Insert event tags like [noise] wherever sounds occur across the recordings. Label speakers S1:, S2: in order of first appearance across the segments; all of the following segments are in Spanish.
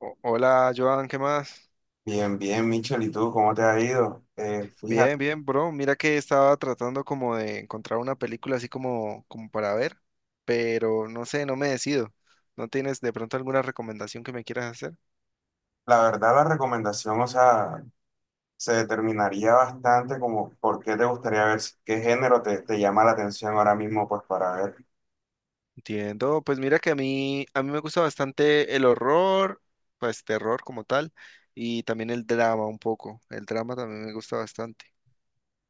S1: Hola, Joan, ¿qué más?
S2: Bien, bien, Michel, ¿y tú cómo te ha ido? Fíjate,
S1: Bien, bien, bro. Mira que estaba tratando como de encontrar una película así como para ver, pero no sé, no me decido. ¿No tienes de pronto alguna recomendación que me quieras hacer?
S2: la verdad la recomendación, o sea, se determinaría bastante como por qué te gustaría ver qué género te llama la atención ahora mismo, pues para ver.
S1: Entiendo. Pues mira que a mí me gusta bastante el horror, pues terror como tal, y también el drama un poco. El drama también me gusta bastante.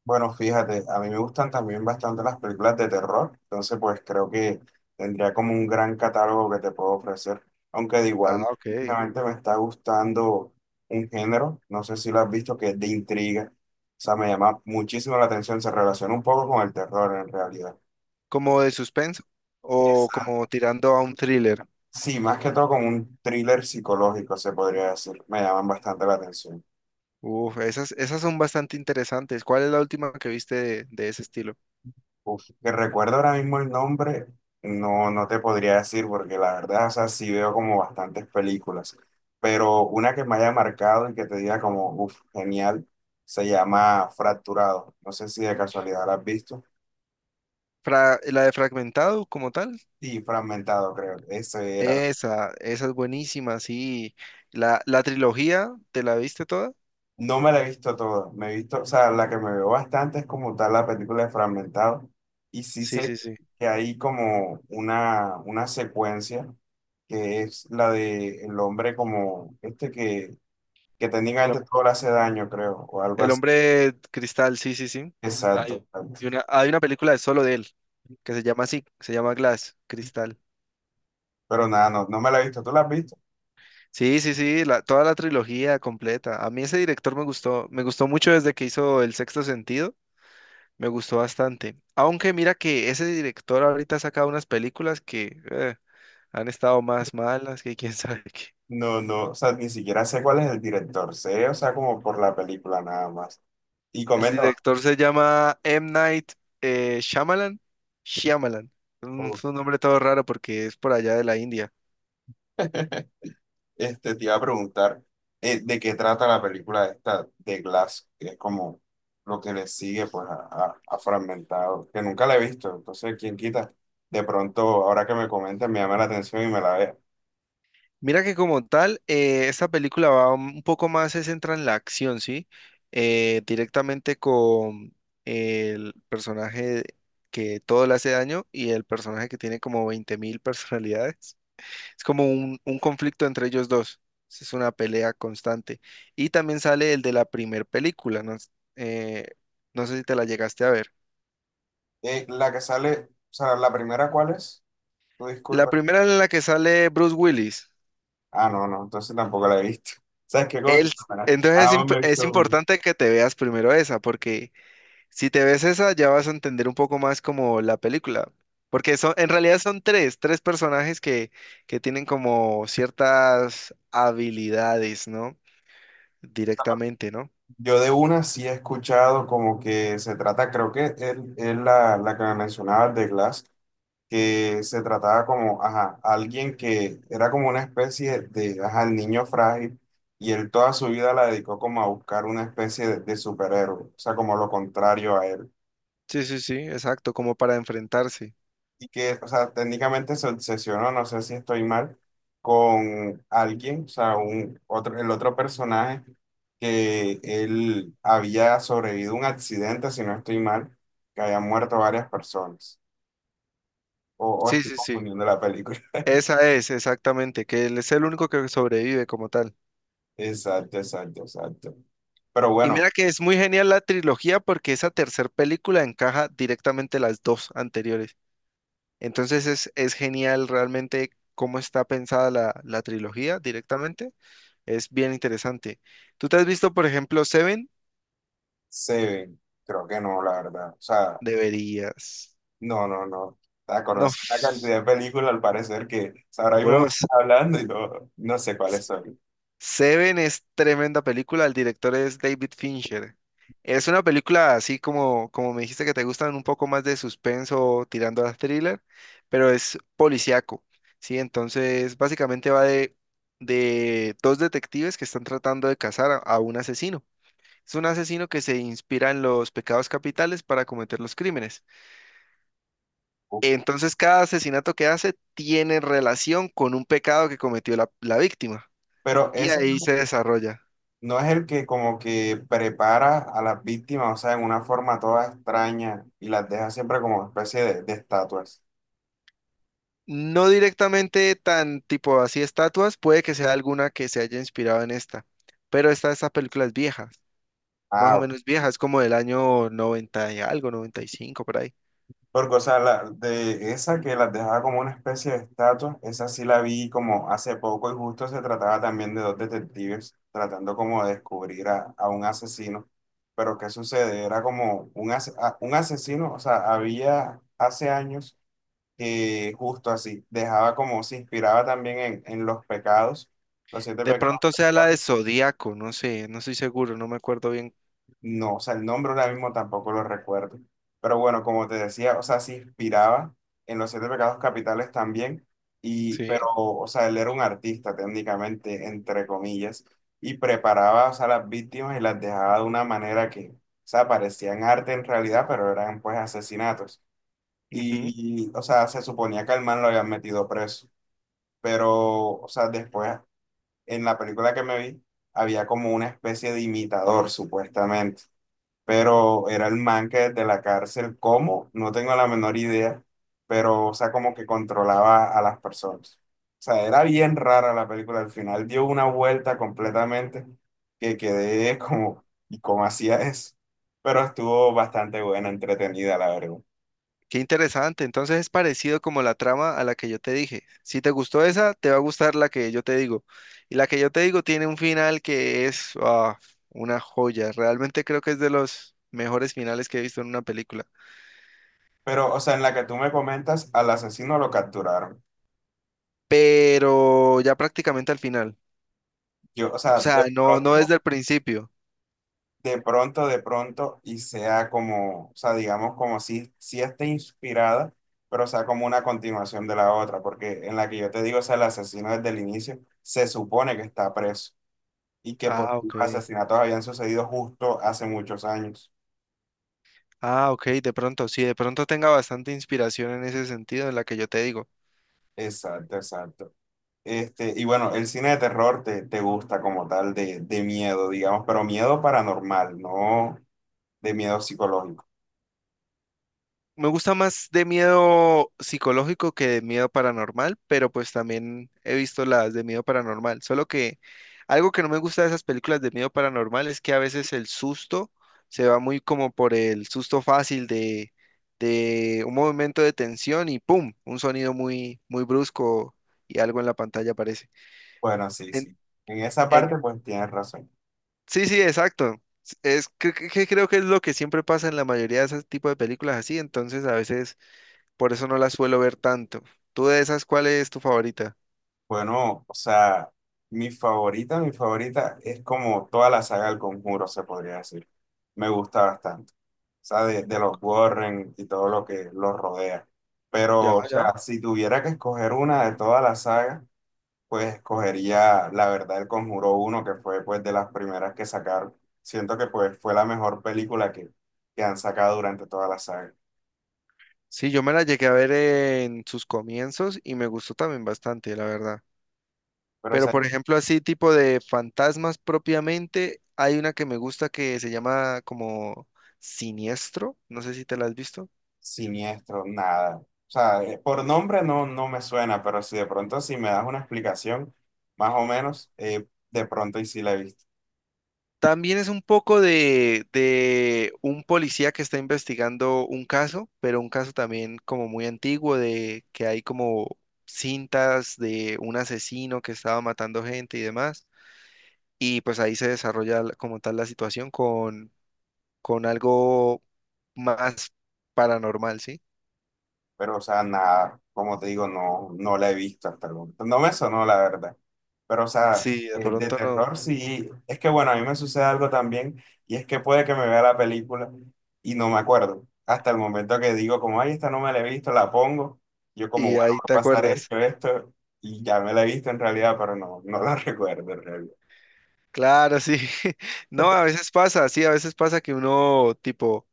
S2: Bueno, fíjate, a mí me gustan también bastante las películas de terror, entonces pues creo que tendría como un gran catálogo que te puedo ofrecer, aunque de igual
S1: Ah, ok.
S2: últimamente me está gustando un género, no sé si lo has visto, que es de intriga. O sea, me llama muchísimo la atención, se relaciona un poco con el terror en realidad.
S1: ¿Como de suspenso o
S2: Esa.
S1: como tirando a un thriller?
S2: Sí, más que todo como un thriller psicológico, se podría decir. Me llaman bastante la atención.
S1: Uf, esas son bastante interesantes. ¿Cuál es la última que viste de ese estilo?
S2: Uf, que recuerdo ahora mismo el nombre, no te podría decir, porque la verdad, o sea, sí veo como bastantes películas. Pero una que me haya marcado y que te diga como, uf, genial, se llama Fracturado. No sé si de casualidad la has visto.
S1: La de Fragmentado como tal.
S2: Y Fragmentado, creo. Esa era.
S1: Esa es buenísima, sí. La trilogía, ¿te la viste toda?
S2: No me la he visto toda, me he visto, o sea, la que me veo bastante es como tal la película de Fragmentado y sí
S1: Sí,
S2: sé
S1: sí, sí.
S2: que hay como una secuencia que es la de el hombre como este que
S1: El, hom-
S2: técnicamente todo le hace daño, creo, o algo
S1: el
S2: así.
S1: hombre cristal, sí, sí, sí.
S2: Exacto,
S1: Hay
S2: exacto.
S1: hay una película de solo de él, que se llama así, se llama Glass, Cristal.
S2: Pero nada, no me la he visto, ¿tú la has visto?
S1: Sí, sí, sí, toda la trilogía completa. A mí ese director me gustó mucho desde que hizo El Sexto Sentido. Me gustó bastante. Aunque mira que ese director ahorita ha sacado unas películas que han estado más malas que quién [laughs] sabe qué.
S2: No, no, o sea, ni siquiera sé cuál es el director, sé, o sea, como por la película nada más. Y
S1: El
S2: comenta.
S1: director se llama M. Night Shyamalan. Shyamalan. Es un nombre todo raro porque es por allá de la India.
S2: [laughs] Este, te iba a preguntar de qué trata la película esta de Glass, que es como lo que le sigue pues a, a Fragmentado, que nunca la he visto, entonces quién quita, de pronto ahora que me comentan me llama la atención y me la vea.
S1: Mira que como tal, esta película va un poco más, se centra en la acción, ¿sí? Directamente con el personaje que todo le hace daño y el personaje que tiene como 20.000 personalidades. Es como un conflicto entre ellos dos. Es una pelea constante. Y también sale el de la primer película. No, eh, no sé si te la llegaste a ver.
S2: La que sale, o sea, la primera ¿cuál es? Tú
S1: La
S2: disculpa.
S1: primera en la que sale Bruce Willis.
S2: Ah, no, no, entonces tampoco la he visto. [laughs] ¿Sabes qué?
S1: Él, entonces es,
S2: Ah, me he
S1: es
S2: visto una.
S1: importante que te veas primero esa, porque si te ves esa ya vas a entender un poco más como la película. Porque son, en realidad son tres personajes que tienen como ciertas habilidades, ¿no? Directamente, ¿no?
S2: Yo de una sí he escuchado como que se trata, creo que es la que me mencionabas de Glass que se trataba como, ajá, alguien que era como una especie de, ajá, el niño frágil, y él toda su vida la dedicó como a buscar una especie de superhéroe, o sea, como lo contrario a él.
S1: Sí, sí, sí, exacto, como para enfrentarse.
S2: Y que, o sea, técnicamente se obsesionó, no sé si estoy mal, con alguien, o sea, el otro personaje que él había sobrevivido a un accidente, si no estoy mal, que habían muerto varias personas. O
S1: Sí,
S2: estoy
S1: sí, sí.
S2: confundiendo la película.
S1: Esa es, exactamente, que él es el único que sobrevive como tal.
S2: Exacto, exacto, exacto. Pero
S1: Y
S2: bueno,
S1: mira que es muy genial la trilogía porque esa tercer película encaja directamente las dos anteriores. Entonces es genial realmente cómo está pensada la trilogía directamente. Es bien interesante. ¿Tú te has visto, por ejemplo, Seven?
S2: Seven, creo que no, la verdad. O sea,
S1: Deberías.
S2: no, no, no. O sea,
S1: No,
S2: conocí una cantidad de películas al parecer que o sea, ahora mismo me
S1: bro,
S2: estás [laughs] hablando y no, no sé cuáles son.
S1: Seven es tremenda película, el director es David Fincher. Es una película así como me dijiste que te gustan un poco más de suspenso tirando a thriller, pero es policíaco, ¿sí? Entonces básicamente va de dos detectives que están tratando de cazar a un asesino. Es un asesino que se inspira en los pecados capitales para cometer los crímenes.
S2: Uf.
S1: Entonces cada asesinato que hace tiene relación con un pecado que cometió la víctima
S2: Pero
S1: y
S2: ese
S1: ahí se desarrolla.
S2: no es el que como que prepara a las víctimas, o sea, en una forma toda extraña y las deja siempre como especie de estatuas.
S1: No directamente tan tipo así estatuas, puede que sea alguna que se haya inspirado en esta, pero esta película es vieja, más o
S2: Ah,
S1: menos vieja, es como del año 90 y algo, 95 por ahí.
S2: porque, o sea, la, de esa que las dejaba como una especie de estatua, esa sí la vi como hace poco y justo se trataba también de dos detectives tratando como de descubrir a un asesino. Pero ¿qué sucede? Era como un, un asesino, o sea, había hace años que justo así, dejaba como, se inspiraba también en los pecados, los siete
S1: De
S2: pecados.
S1: pronto sea la de Zodíaco, no sé, no estoy seguro, no me acuerdo bien.
S2: No, o sea, el nombre ahora mismo tampoco lo recuerdo. Pero bueno, como te decía, o sea, se inspiraba en los siete pecados capitales también, y,
S1: Sí.
S2: pero, o sea, él era un artista técnicamente, entre comillas, y preparaba, o sea, las víctimas y las dejaba de una manera que, o sea, parecían arte en realidad, pero eran pues asesinatos. Y, o sea, se suponía que al man lo habían metido preso, pero, o sea, después, en la película que me vi, había como una especie de imitador, supuestamente, pero era el man que desde la cárcel, ¿cómo? No tengo la menor idea, pero, o sea, como que controlaba a las personas. O sea, era bien rara la película, al final dio una vuelta completamente que quedé [laughs] como, ¿y cómo hacía eso? Pero estuvo bastante buena, entretenida, la verdad.
S1: Qué interesante. Entonces es parecido como la trama a la que yo te dije. Si te gustó esa, te va a gustar la que yo te digo. Y la que yo te digo tiene un final que es una joya. Realmente creo que es de los mejores finales que he visto en una película.
S2: Pero, o sea, en la que tú me comentas, al asesino lo capturaron.
S1: Pero ya prácticamente al final.
S2: Yo, o
S1: O
S2: sea, de
S1: sea, no, no desde
S2: pronto...
S1: el principio.
S2: De pronto, de pronto, y sea como, o sea, digamos como si, si esté inspirada, pero sea como una continuación de la otra, porque en la que yo te digo, o sea, el asesino desde el inicio se supone que está preso y que pues
S1: Ah,
S2: los
S1: ok.
S2: asesinatos habían sucedido justo hace muchos años.
S1: Ah, ok, de pronto, sí, de pronto tenga bastante inspiración en ese sentido en la que yo te digo.
S2: Exacto, exacto. Este, y bueno, el cine de terror te gusta como tal de miedo, digamos, pero miedo paranormal, no de miedo psicológico.
S1: Me gusta más de miedo psicológico que de miedo paranormal, pero pues también he visto las de miedo paranormal. Solo que algo que no me gusta de esas películas de miedo paranormal es que a veces el susto se va muy como por el susto fácil de un movimiento de tensión y ¡pum! Un sonido muy, muy brusco y algo en la pantalla aparece.
S2: Bueno, sí,
S1: En-
S2: sí. En esa
S1: en-
S2: parte pues tienes razón.
S1: sí, sí, exacto. Es que creo que es lo que siempre pasa en la mayoría de ese tipo de películas así, entonces a veces. Por eso no la suelo ver tanto. ¿Tú de esas cuál es tu favorita?
S2: Bueno, o sea, mi favorita es como toda la saga del Conjuro, se podría decir. Me gusta bastante. O sea, de
S1: Oh,
S2: los Warren y todo lo que los rodea.
S1: ya,
S2: Pero, o
S1: ya.
S2: sea, si tuviera que escoger una de toda la saga, pues escogería la verdad el Conjuro uno que fue pues de las primeras que sacaron. Siento que pues fue la mejor película que han sacado durante toda la saga.
S1: Sí, yo me la llegué a ver en sus comienzos y me gustó también bastante, la verdad.
S2: Pero, o
S1: Pero
S2: sea,
S1: por ejemplo, así tipo de fantasmas propiamente, hay una que me gusta que se llama como Siniestro. No sé si te la has visto.
S2: Siniestro, nada. O sea, por nombre no, no me suena, pero si de pronto si me das una explicación, más o menos, de pronto y si la he visto.
S1: También es un poco de un policía que está investigando un caso, pero un caso también como muy antiguo de que hay como cintas de un asesino que estaba matando gente y demás. Y pues ahí se desarrolla como tal la situación con, algo más paranormal, ¿sí?
S2: Pero, o sea, nada, como te digo, no, no la he visto hasta el momento. No me sonó, la verdad. Pero, o sea,
S1: Sí, de
S2: de
S1: pronto no.
S2: terror sí. Es que, bueno, a mí me sucede algo también, y es que puede que me vea la película y no me acuerdo. Hasta el momento que digo, como, ay, esta no me la he visto, la pongo. Yo como,
S1: Y
S2: bueno,
S1: ahí
S2: va a
S1: te
S2: pasar
S1: acuerdas.
S2: esto, esto, y ya me la he visto en realidad, pero no, no la [laughs] recuerdo en realidad.
S1: Claro, sí. [laughs] No, a veces pasa, sí, a veces pasa que uno tipo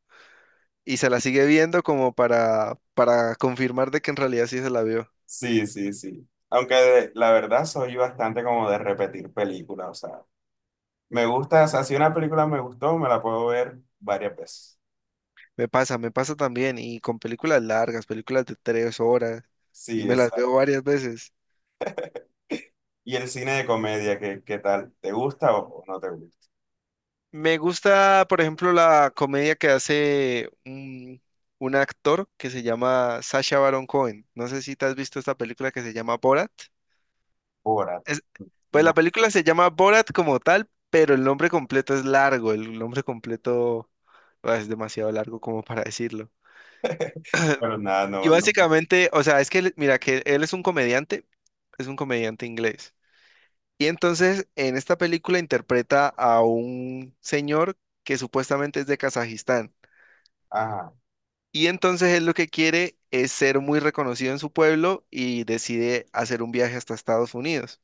S1: y se la sigue viendo como para confirmar de que en realidad sí se la vio.
S2: Sí, sí, sí. Aunque de- la verdad soy bastante como de repetir películas, o sea. Me gusta, o sea, si una película me gustó, me la puedo ver varias veces.
S1: Me pasa también, y con películas largas, películas de 3 horas,
S2: Sí,
S1: y me las
S2: exacto.
S1: veo varias veces.
S2: ¿Y el cine de comedia, qué, qué tal? ¿Te gusta o no te gusta?
S1: Me gusta, por ejemplo, la comedia que hace un actor que se llama Sacha Baron Cohen. No sé si te has visto esta película que se llama Borat.
S2: Ahora,
S1: Es- pues la
S2: no,
S1: película se llama Borat como tal, pero el nombre completo es largo, el nombre completo es demasiado largo como para decirlo.
S2: pero nada,
S1: Y
S2: no, no.
S1: básicamente, o sea, es que, mira, que él es un comediante inglés. Y entonces, en esta película interpreta a un señor que supuestamente es de Kazajistán.
S2: Ajá,
S1: Y entonces él lo que quiere es ser muy reconocido en su pueblo y decide hacer un viaje hasta Estados Unidos.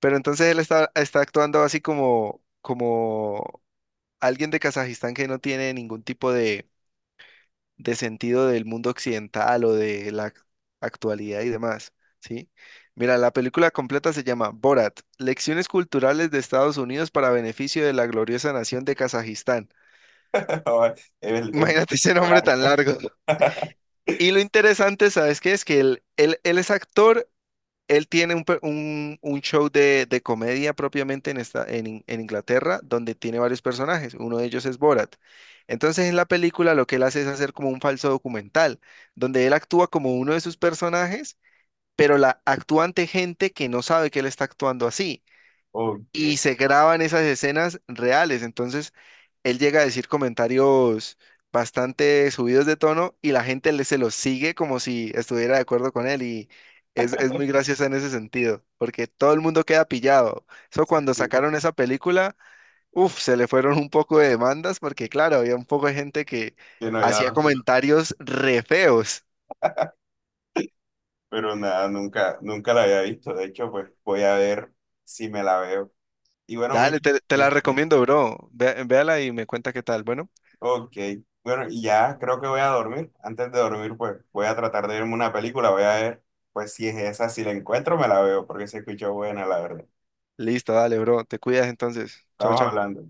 S1: Pero entonces él está actuando así como, como alguien de Kazajistán que no tiene ningún tipo de sentido del mundo occidental o de la actualidad y demás, ¿sí? Mira, la película completa se llama Borat, Lecciones culturales de Estados Unidos para beneficio de la gloriosa nación de Kazajistán. [laughs]
S2: [laughs] es
S1: Imagínate ese nombre
S2: largo.
S1: tan largo.
S2: [laughs]
S1: Y lo interesante, ¿sabes qué? Es que él es actor él tiene un show de comedia propiamente en, esta, en, In- en Inglaterra, donde tiene varios personajes. Uno de ellos es Borat. Entonces, en la película lo que él hace es hacer como un falso documental, donde él actúa como uno de sus personajes, pero la actúa ante gente que no sabe que él está actuando así
S2: Ok,
S1: y
S2: sí,
S1: se graban esas escenas reales. Entonces, él llega a decir comentarios bastante subidos de tono y la gente le, se los sigue como si estuviera de acuerdo con él y es muy graciosa en ese sentido, porque todo el mundo queda pillado. Eso
S2: sí,
S1: cuando
S2: sí.
S1: sacaron esa película, uff, se le fueron un poco de demandas porque claro, había un poco de gente que
S2: Que no había
S1: hacía
S2: dado,
S1: comentarios re feos.
S2: pero nada, nunca, nunca la había visto. De hecho, pues voy a ver si me la veo. Y bueno,
S1: Dale,
S2: Miki,
S1: te la recomiendo, bro. Véala y me cuenta qué tal. Bueno,
S2: ok, bueno, y ya creo que voy a dormir. Antes de dormir, pues voy a tratar de verme una película, voy a ver, pues si es esa, si la encuentro, me la veo, porque se escuchó buena, la verdad.
S1: listo, dale, bro. Te cuidas entonces. Chao,
S2: Estamos
S1: chao.
S2: hablando.